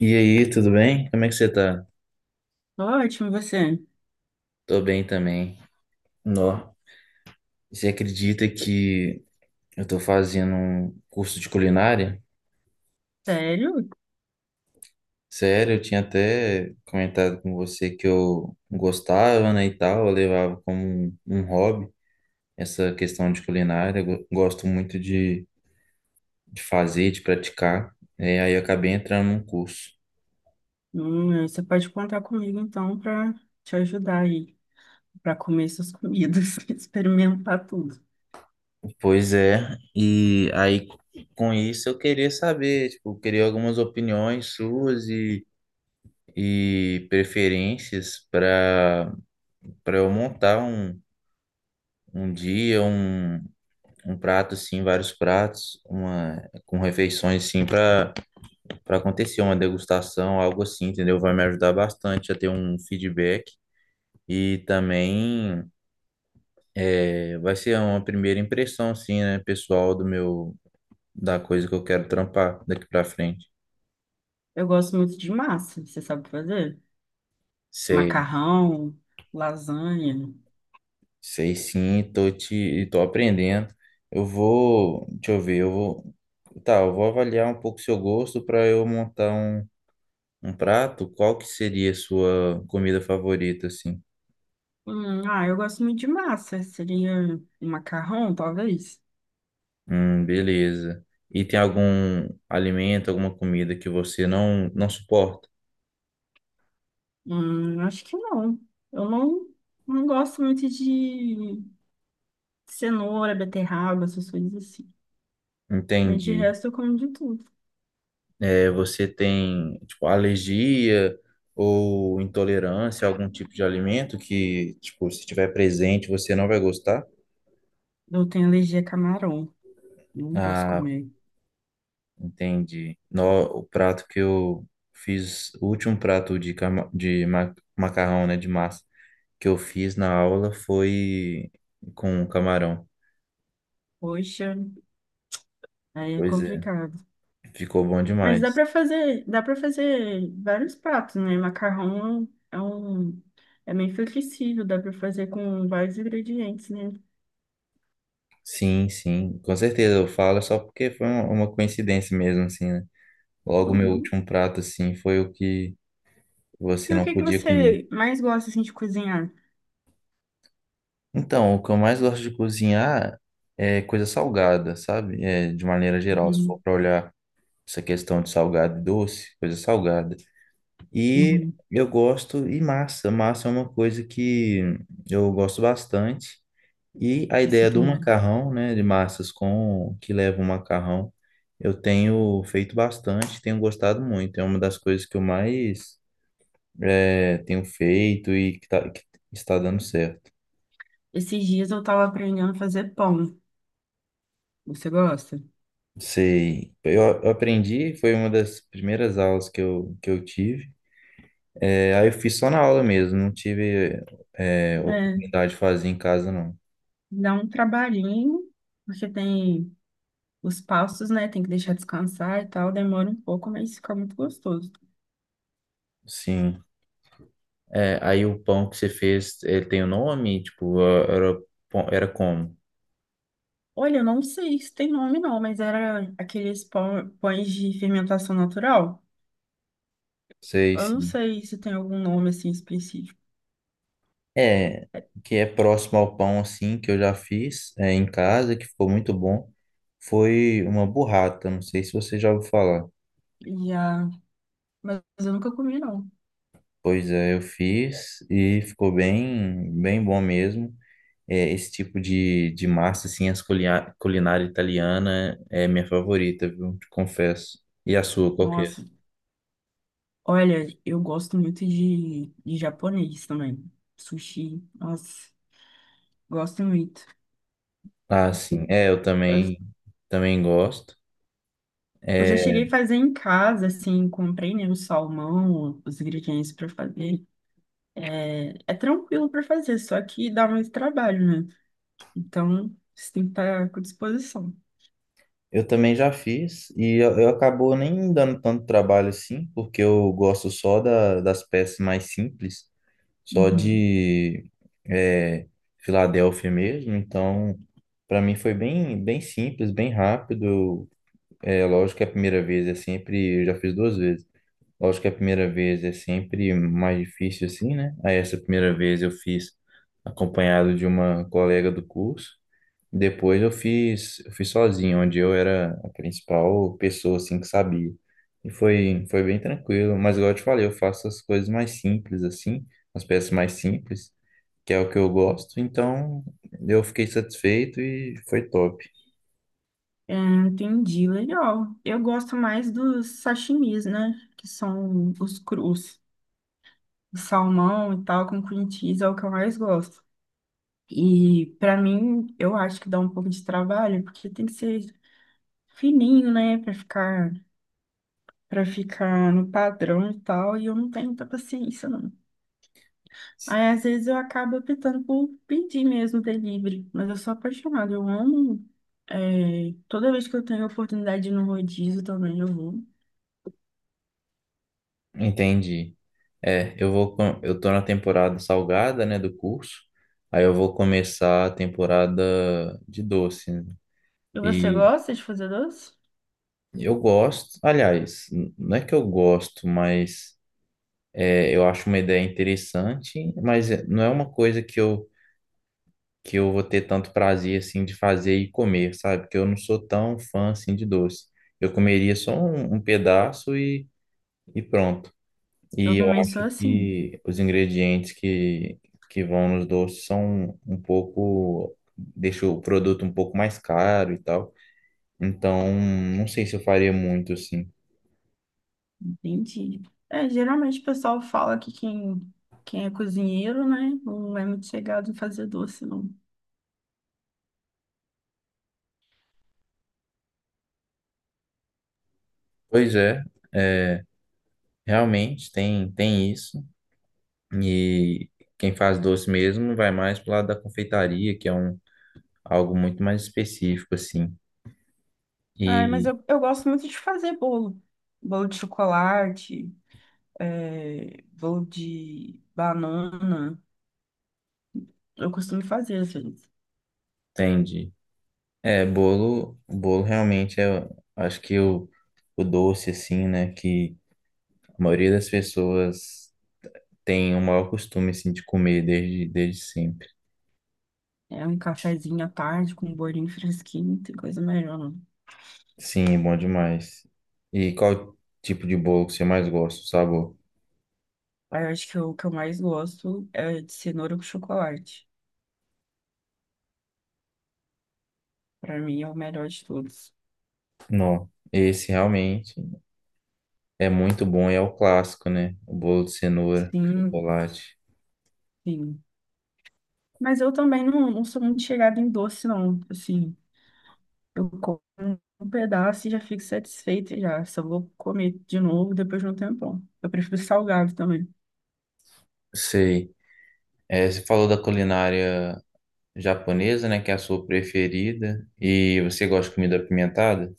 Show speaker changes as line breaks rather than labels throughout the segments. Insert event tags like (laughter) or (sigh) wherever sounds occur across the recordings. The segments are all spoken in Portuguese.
E aí, tudo bem? Como é que você tá?
Ótimo, você.
Tô bem também. Nó. Você acredita que eu tô fazendo um curso de culinária?
Sério?
Sério, eu tinha até comentado com você que eu gostava, né, e tal, eu levava como um hobby essa questão de culinária. Eu gosto muito de fazer, de praticar. É, aí eu acabei entrando num curso.
Você pode contar comigo então para te ajudar aí, para comer essas comidas, (laughs) experimentar tudo.
Pois é, e aí com isso eu queria saber, tipo, eu queria algumas opiniões suas e preferências para eu montar um, um dia, um prato assim, vários pratos, uma com refeições assim para acontecer uma degustação, algo assim, entendeu? Vai me ajudar bastante a ter um feedback e também é, vai ser uma primeira impressão assim, né, pessoal do meu da coisa que eu quero trampar daqui para frente.
Eu gosto muito de massa, você sabe fazer?
Sei,
Macarrão, lasanha.
sei sim, tô aprendendo. Eu vou, deixa eu ver, eu vou Tá, eu vou avaliar um pouco seu gosto para eu montar um, um prato. Qual que seria a sua comida favorita, assim?
Eu gosto muito de massa. Seria um macarrão, talvez?
Beleza. E tem algum alimento, alguma comida que você não suporta?
Acho que não. Eu não, Não gosto muito de cenoura, beterraba, essas coisas assim. Mas de
Entendi.
resto eu como de tudo.
É, você tem, tipo, alergia ou intolerância a algum tipo de alimento que, tipo, se estiver presente, você não vai gostar?
Eu tenho alergia a camarão. Não posso
Ah,
comer.
entendi. No, O prato que eu fiz, o último prato de, macarrão, né, de massa, que eu fiz na aula foi com camarão.
Poxa, aí é
Pois é,
complicado.
ficou bom
Mas
demais.
dá para fazer vários pratos, né? Macarrão é é meio flexível, dá para fazer com vários ingredientes, né?
Sim, sim, com certeza. Eu falo só porque foi uma coincidência mesmo, assim, né? Logo, meu
Uhum.
último prato, assim, foi o que você
E o
não
que que
podia comer.
você mais gosta assim de cozinhar?
Então, o que eu mais gosto de cozinhar é coisa salgada, sabe? É, de maneira geral, se for
Uhum,
para olhar. Essa questão de salgado e doce, coisa salgada. E
uhum.
eu gosto, e massa. Massa é uma coisa que eu gosto bastante. E a
Isso
ideia do
também.
macarrão, né, de massas com que leva o macarrão, eu tenho feito bastante, tenho gostado muito. É uma das coisas que eu mais tenho feito e que, que está dando certo.
Esses dias eu tava aprendendo a fazer pão. Você gosta?
Sei, eu aprendi, foi uma das primeiras aulas que eu tive. É, aí eu fiz só na aula mesmo, não tive é,
É,
oportunidade de fazer em casa, não.
dá um trabalhinho, porque tem os passos, né? Tem que deixar descansar e tal, demora um pouco, mas fica muito gostoso.
Sim. É, aí o pão que você fez, ele tem o nome? Tipo, era, era como?
Olha, eu não sei se tem nome não, mas era aqueles pães de fermentação natural.
Sei,
Eu não
sim.
sei se tem algum nome assim específico.
É, que é próximo ao pão, assim, que eu já fiz é, em casa, que ficou muito bom. Foi uma burrata, não sei se você já ouviu falar.
E, ah, mas eu nunca comi não.
Pois é, eu fiz e ficou bem, bem bom mesmo. É, esse tipo de massa, assim, culinária italiana é minha favorita, viu? Te confesso. E a sua, qual que é?
Nossa, olha, eu gosto muito de japonês também. Sushi, nossa, gosto muito.
Ah, sim. É, eu
Eu,
também, também gosto.
eu
É,
já cheguei a fazer em casa, assim, comprei, né, o salmão, os ingredientes para fazer. É tranquilo para fazer, só que dá mais trabalho, né? Então, você tem que estar com disposição.
eu também já fiz e eu acabou nem dando tanto trabalho assim, porque eu gosto só da, das peças mais simples, só
Uhum.
de é, Filadélfia mesmo. Então, para mim foi bem, bem simples, bem rápido. É lógico que a primeira vez é sempre, eu já fiz duas vezes. Lógico que a primeira vez é sempre mais difícil assim, né? Aí essa primeira vez eu fiz acompanhado de uma colega do curso. Depois eu fiz sozinho, onde eu era a principal pessoa assim que sabia. E foi, foi bem tranquilo, mas igual eu te falei, eu faço as coisas mais simples assim, as peças mais simples, que é o que eu gosto. Então eu fiquei satisfeito e foi top.
É, entendi, legal. Eu gosto mais dos sashimis, né? Que são os crus, de salmão e tal, com cream cheese é o que eu mais gosto. E pra mim, eu acho que dá um pouco de trabalho, porque tem que ser fininho, né? Para ficar no padrão e tal, e eu não tenho muita paciência, não. Aí, às vezes, eu acabo optando por pedir mesmo delivery, mas eu sou apaixonada, eu amo. É, toda vez que eu tenho a oportunidade de ir no rodízio também, eu vou.
Entendi. É, eu vou, eu tô na temporada salgada, né, do curso. Aí eu vou começar a temporada de doce, né?
E você
E
gosta de fazer doce?
eu gosto, aliás, não é que eu gosto, mas é, eu acho uma ideia interessante, mas não é uma coisa que eu vou ter tanto prazer assim de fazer e comer, sabe? Porque eu não sou tão fã assim de doce. Eu comeria só um, um pedaço e pronto.
Eu
E eu
também sou
acho
assim.
que os ingredientes que vão nos doces são um pouco, deixa o produto um pouco mais caro e tal. Então, não sei se eu faria muito assim.
Entendi. É, geralmente o pessoal fala que quem é cozinheiro, né, não é muito chegado em fazer doce, não.
Pois é, é, realmente tem, tem isso. E quem faz doce mesmo vai mais pro lado da confeitaria, que é um, algo muito mais específico, assim.
Ai, mas
E
eu gosto muito de fazer bolo. Bolo de chocolate, bolo de banana. Eu costumo fazer, às vezes.
entende. É, bolo, bolo realmente é, acho que o doce, assim, né, que a maioria das pessoas tem o maior costume, assim, de comer desde, desde sempre.
É um cafezinho à tarde com um bolinho fresquinho, não tem coisa melhor, não.
Sim, bom demais. E qual tipo de bolo que você mais gosta, o sabor?
Aí eu acho que o que eu mais gosto é de cenoura com chocolate. Pra mim é o melhor de todos.
Não, esse realmente é muito bom e é o clássico, né? O bolo de cenoura,
Sim,
chocolate.
sim. Mas eu também não sou muito chegada em doce, não. Assim, eu como um pedaço e já fico satisfeita já. Só vou comer de novo depois de um tempão. Eu prefiro salgado também.
Sei. É, você falou da culinária japonesa, né? Que é a sua preferida. E você gosta de comida apimentada?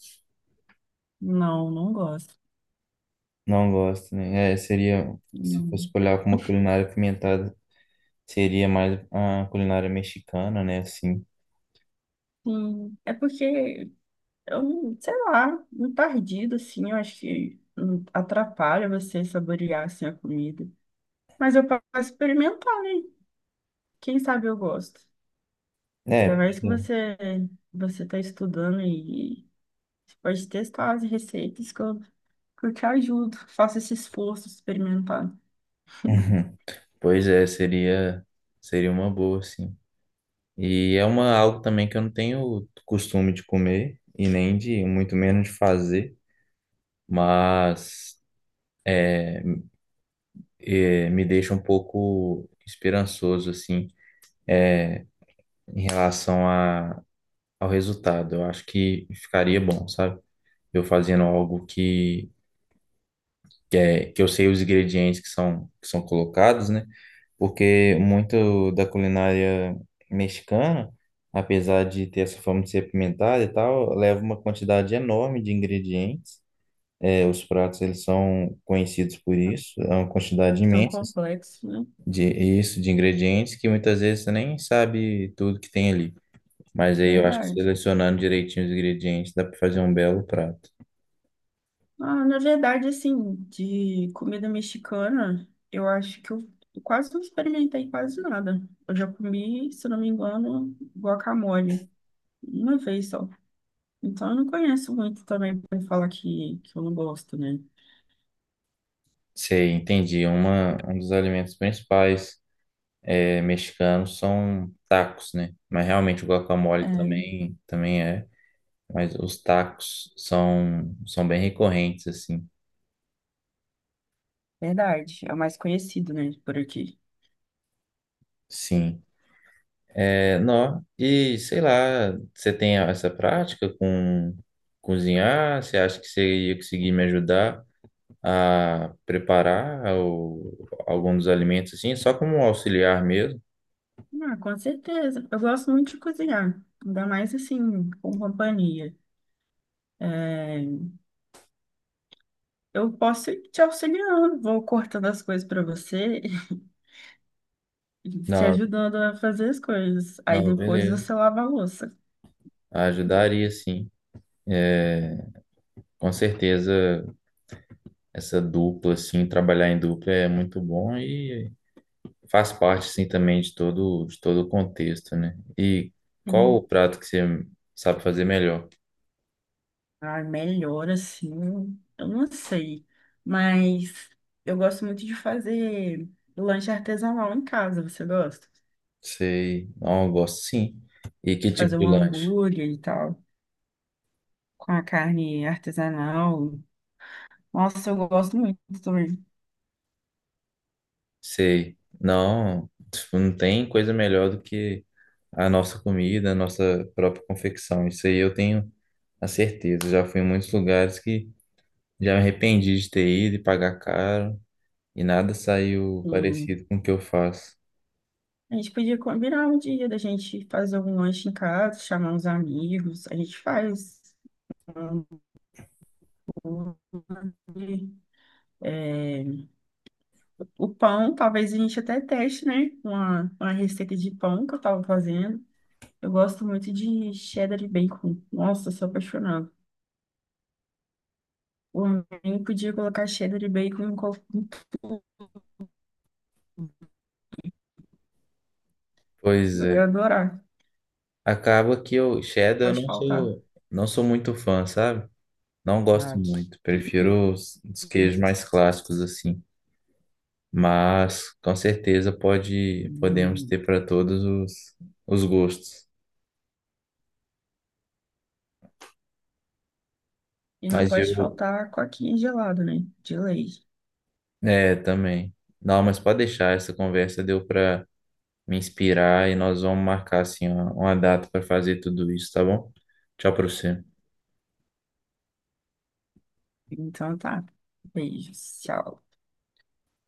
Não, não gosto.
Não gosto, né? É, seria, se
Não.
fosse olhar para uma culinária apimentada, seria mais a culinária mexicana, né? Assim.
Sim, é porque eu, não- sei lá, muito tardido assim, eu acho que atrapalha você saborear, assim, a comida. Mas eu posso experimentar, né? Quem sabe eu gosto.
É,
Ainda
pois
mais que
é.
você tá estudando. Você pode testar as receitas que que eu te ajudo. Faça esse esforço de experimentar.
Uhum. Pois é, seria, seria uma boa, sim. E é uma, algo também que eu não tenho costume de comer e nem de, muito menos de fazer, mas me deixa um pouco esperançoso, assim, em relação a, ao resultado. Eu acho que ficaria bom, sabe? Eu fazendo algo é, que eu sei os ingredientes que são colocados, né? Porque muito da culinária mexicana, apesar de ter essa forma de ser apimentada e tal, leva uma quantidade enorme de ingredientes. É, os pratos eles são conhecidos por isso, é uma quantidade
São
imensa assim,
complexos, né?
de isso, de ingredientes que muitas vezes você nem sabe tudo que tem ali. Mas aí eu acho que
Verdade.
selecionando direitinho os ingredientes dá para fazer um belo prato.
Ah, na verdade, assim, de comida mexicana, eu acho que eu quase não experimentei quase nada. Eu já comi, se não me engano, guacamole, uma vez só. Então, eu não conheço muito também para falar que eu não gosto, né?
Sei, entendi. É uma, um dos alimentos principais é, mexicanos são tacos, né? Mas realmente o guacamole
É
também, também é. Mas os tacos são, são bem recorrentes, assim.
verdade, é o mais conhecido, né, por aqui.
Sim. É, não. E sei lá, você tem essa prática com cozinhar? Você acha que você ia conseguir me ajudar a preparar o, algum dos alimentos, assim? Só como um auxiliar mesmo?
Ah, com certeza. Eu gosto muito de cozinhar, ainda mais assim, com companhia. É, eu posso ir te auxiliando, vou cortando as coisas para você (laughs) e te
Não,
ajudando a fazer as coisas. Aí
não,
depois
beleza.
você lava a louça.
Ajudaria, sim. É, com certeza. Essa dupla, assim, trabalhar em dupla é muito bom e faz parte, assim, também de todo o contexto, né? E qual o
Sim.
prato que você sabe fazer melhor?
Ah, melhor assim, eu não sei. Mas eu gosto muito de fazer lanche artesanal em casa. Você gosta?
Sei, não, eu gosto sim. E que
De
tipo
fazer
de
um
lanche?
hambúrguer e tal, com a carne artesanal. Nossa, eu gosto muito também.
Sei, não, tipo, não tem coisa melhor do que a nossa comida, a nossa própria confecção. Isso aí eu tenho a certeza. Já fui em muitos lugares que já me arrependi de ter ido e pagar caro e nada saiu
Hum.
parecido com o que eu faço.
A gente podia combinar um dia da gente fazer um lanche em casa, chamar uns amigos, a gente faz um hambúrguer. É, o pão, talvez a gente até teste, né? Uma receita de pão que eu tava fazendo. Eu gosto muito de cheddar e bacon. Nossa, eu sou apaixonada. Por mim, podia colocar cheddar e bacon em qualquer.
Pois
Eu
é.
ia adorar.
Acaba que eu, Shadow, eu
Pode faltar.
não sou muito fã, sabe? Não
Ah,
gosto muito.
que
Prefiro os queijos
isso.
mais clássicos, assim. Mas, com certeza, podemos
Hum.
ter para todos os gostos.
E não
Mas
pode
eu,
faltar coquinha gelada, né? De leite.
é, também. Não, mas pode deixar, essa conversa deu para me inspirar e nós vamos marcar, assim, uma data para fazer tudo isso, tá bom? Tchau para você.
Então tá. Beijos. Tchau.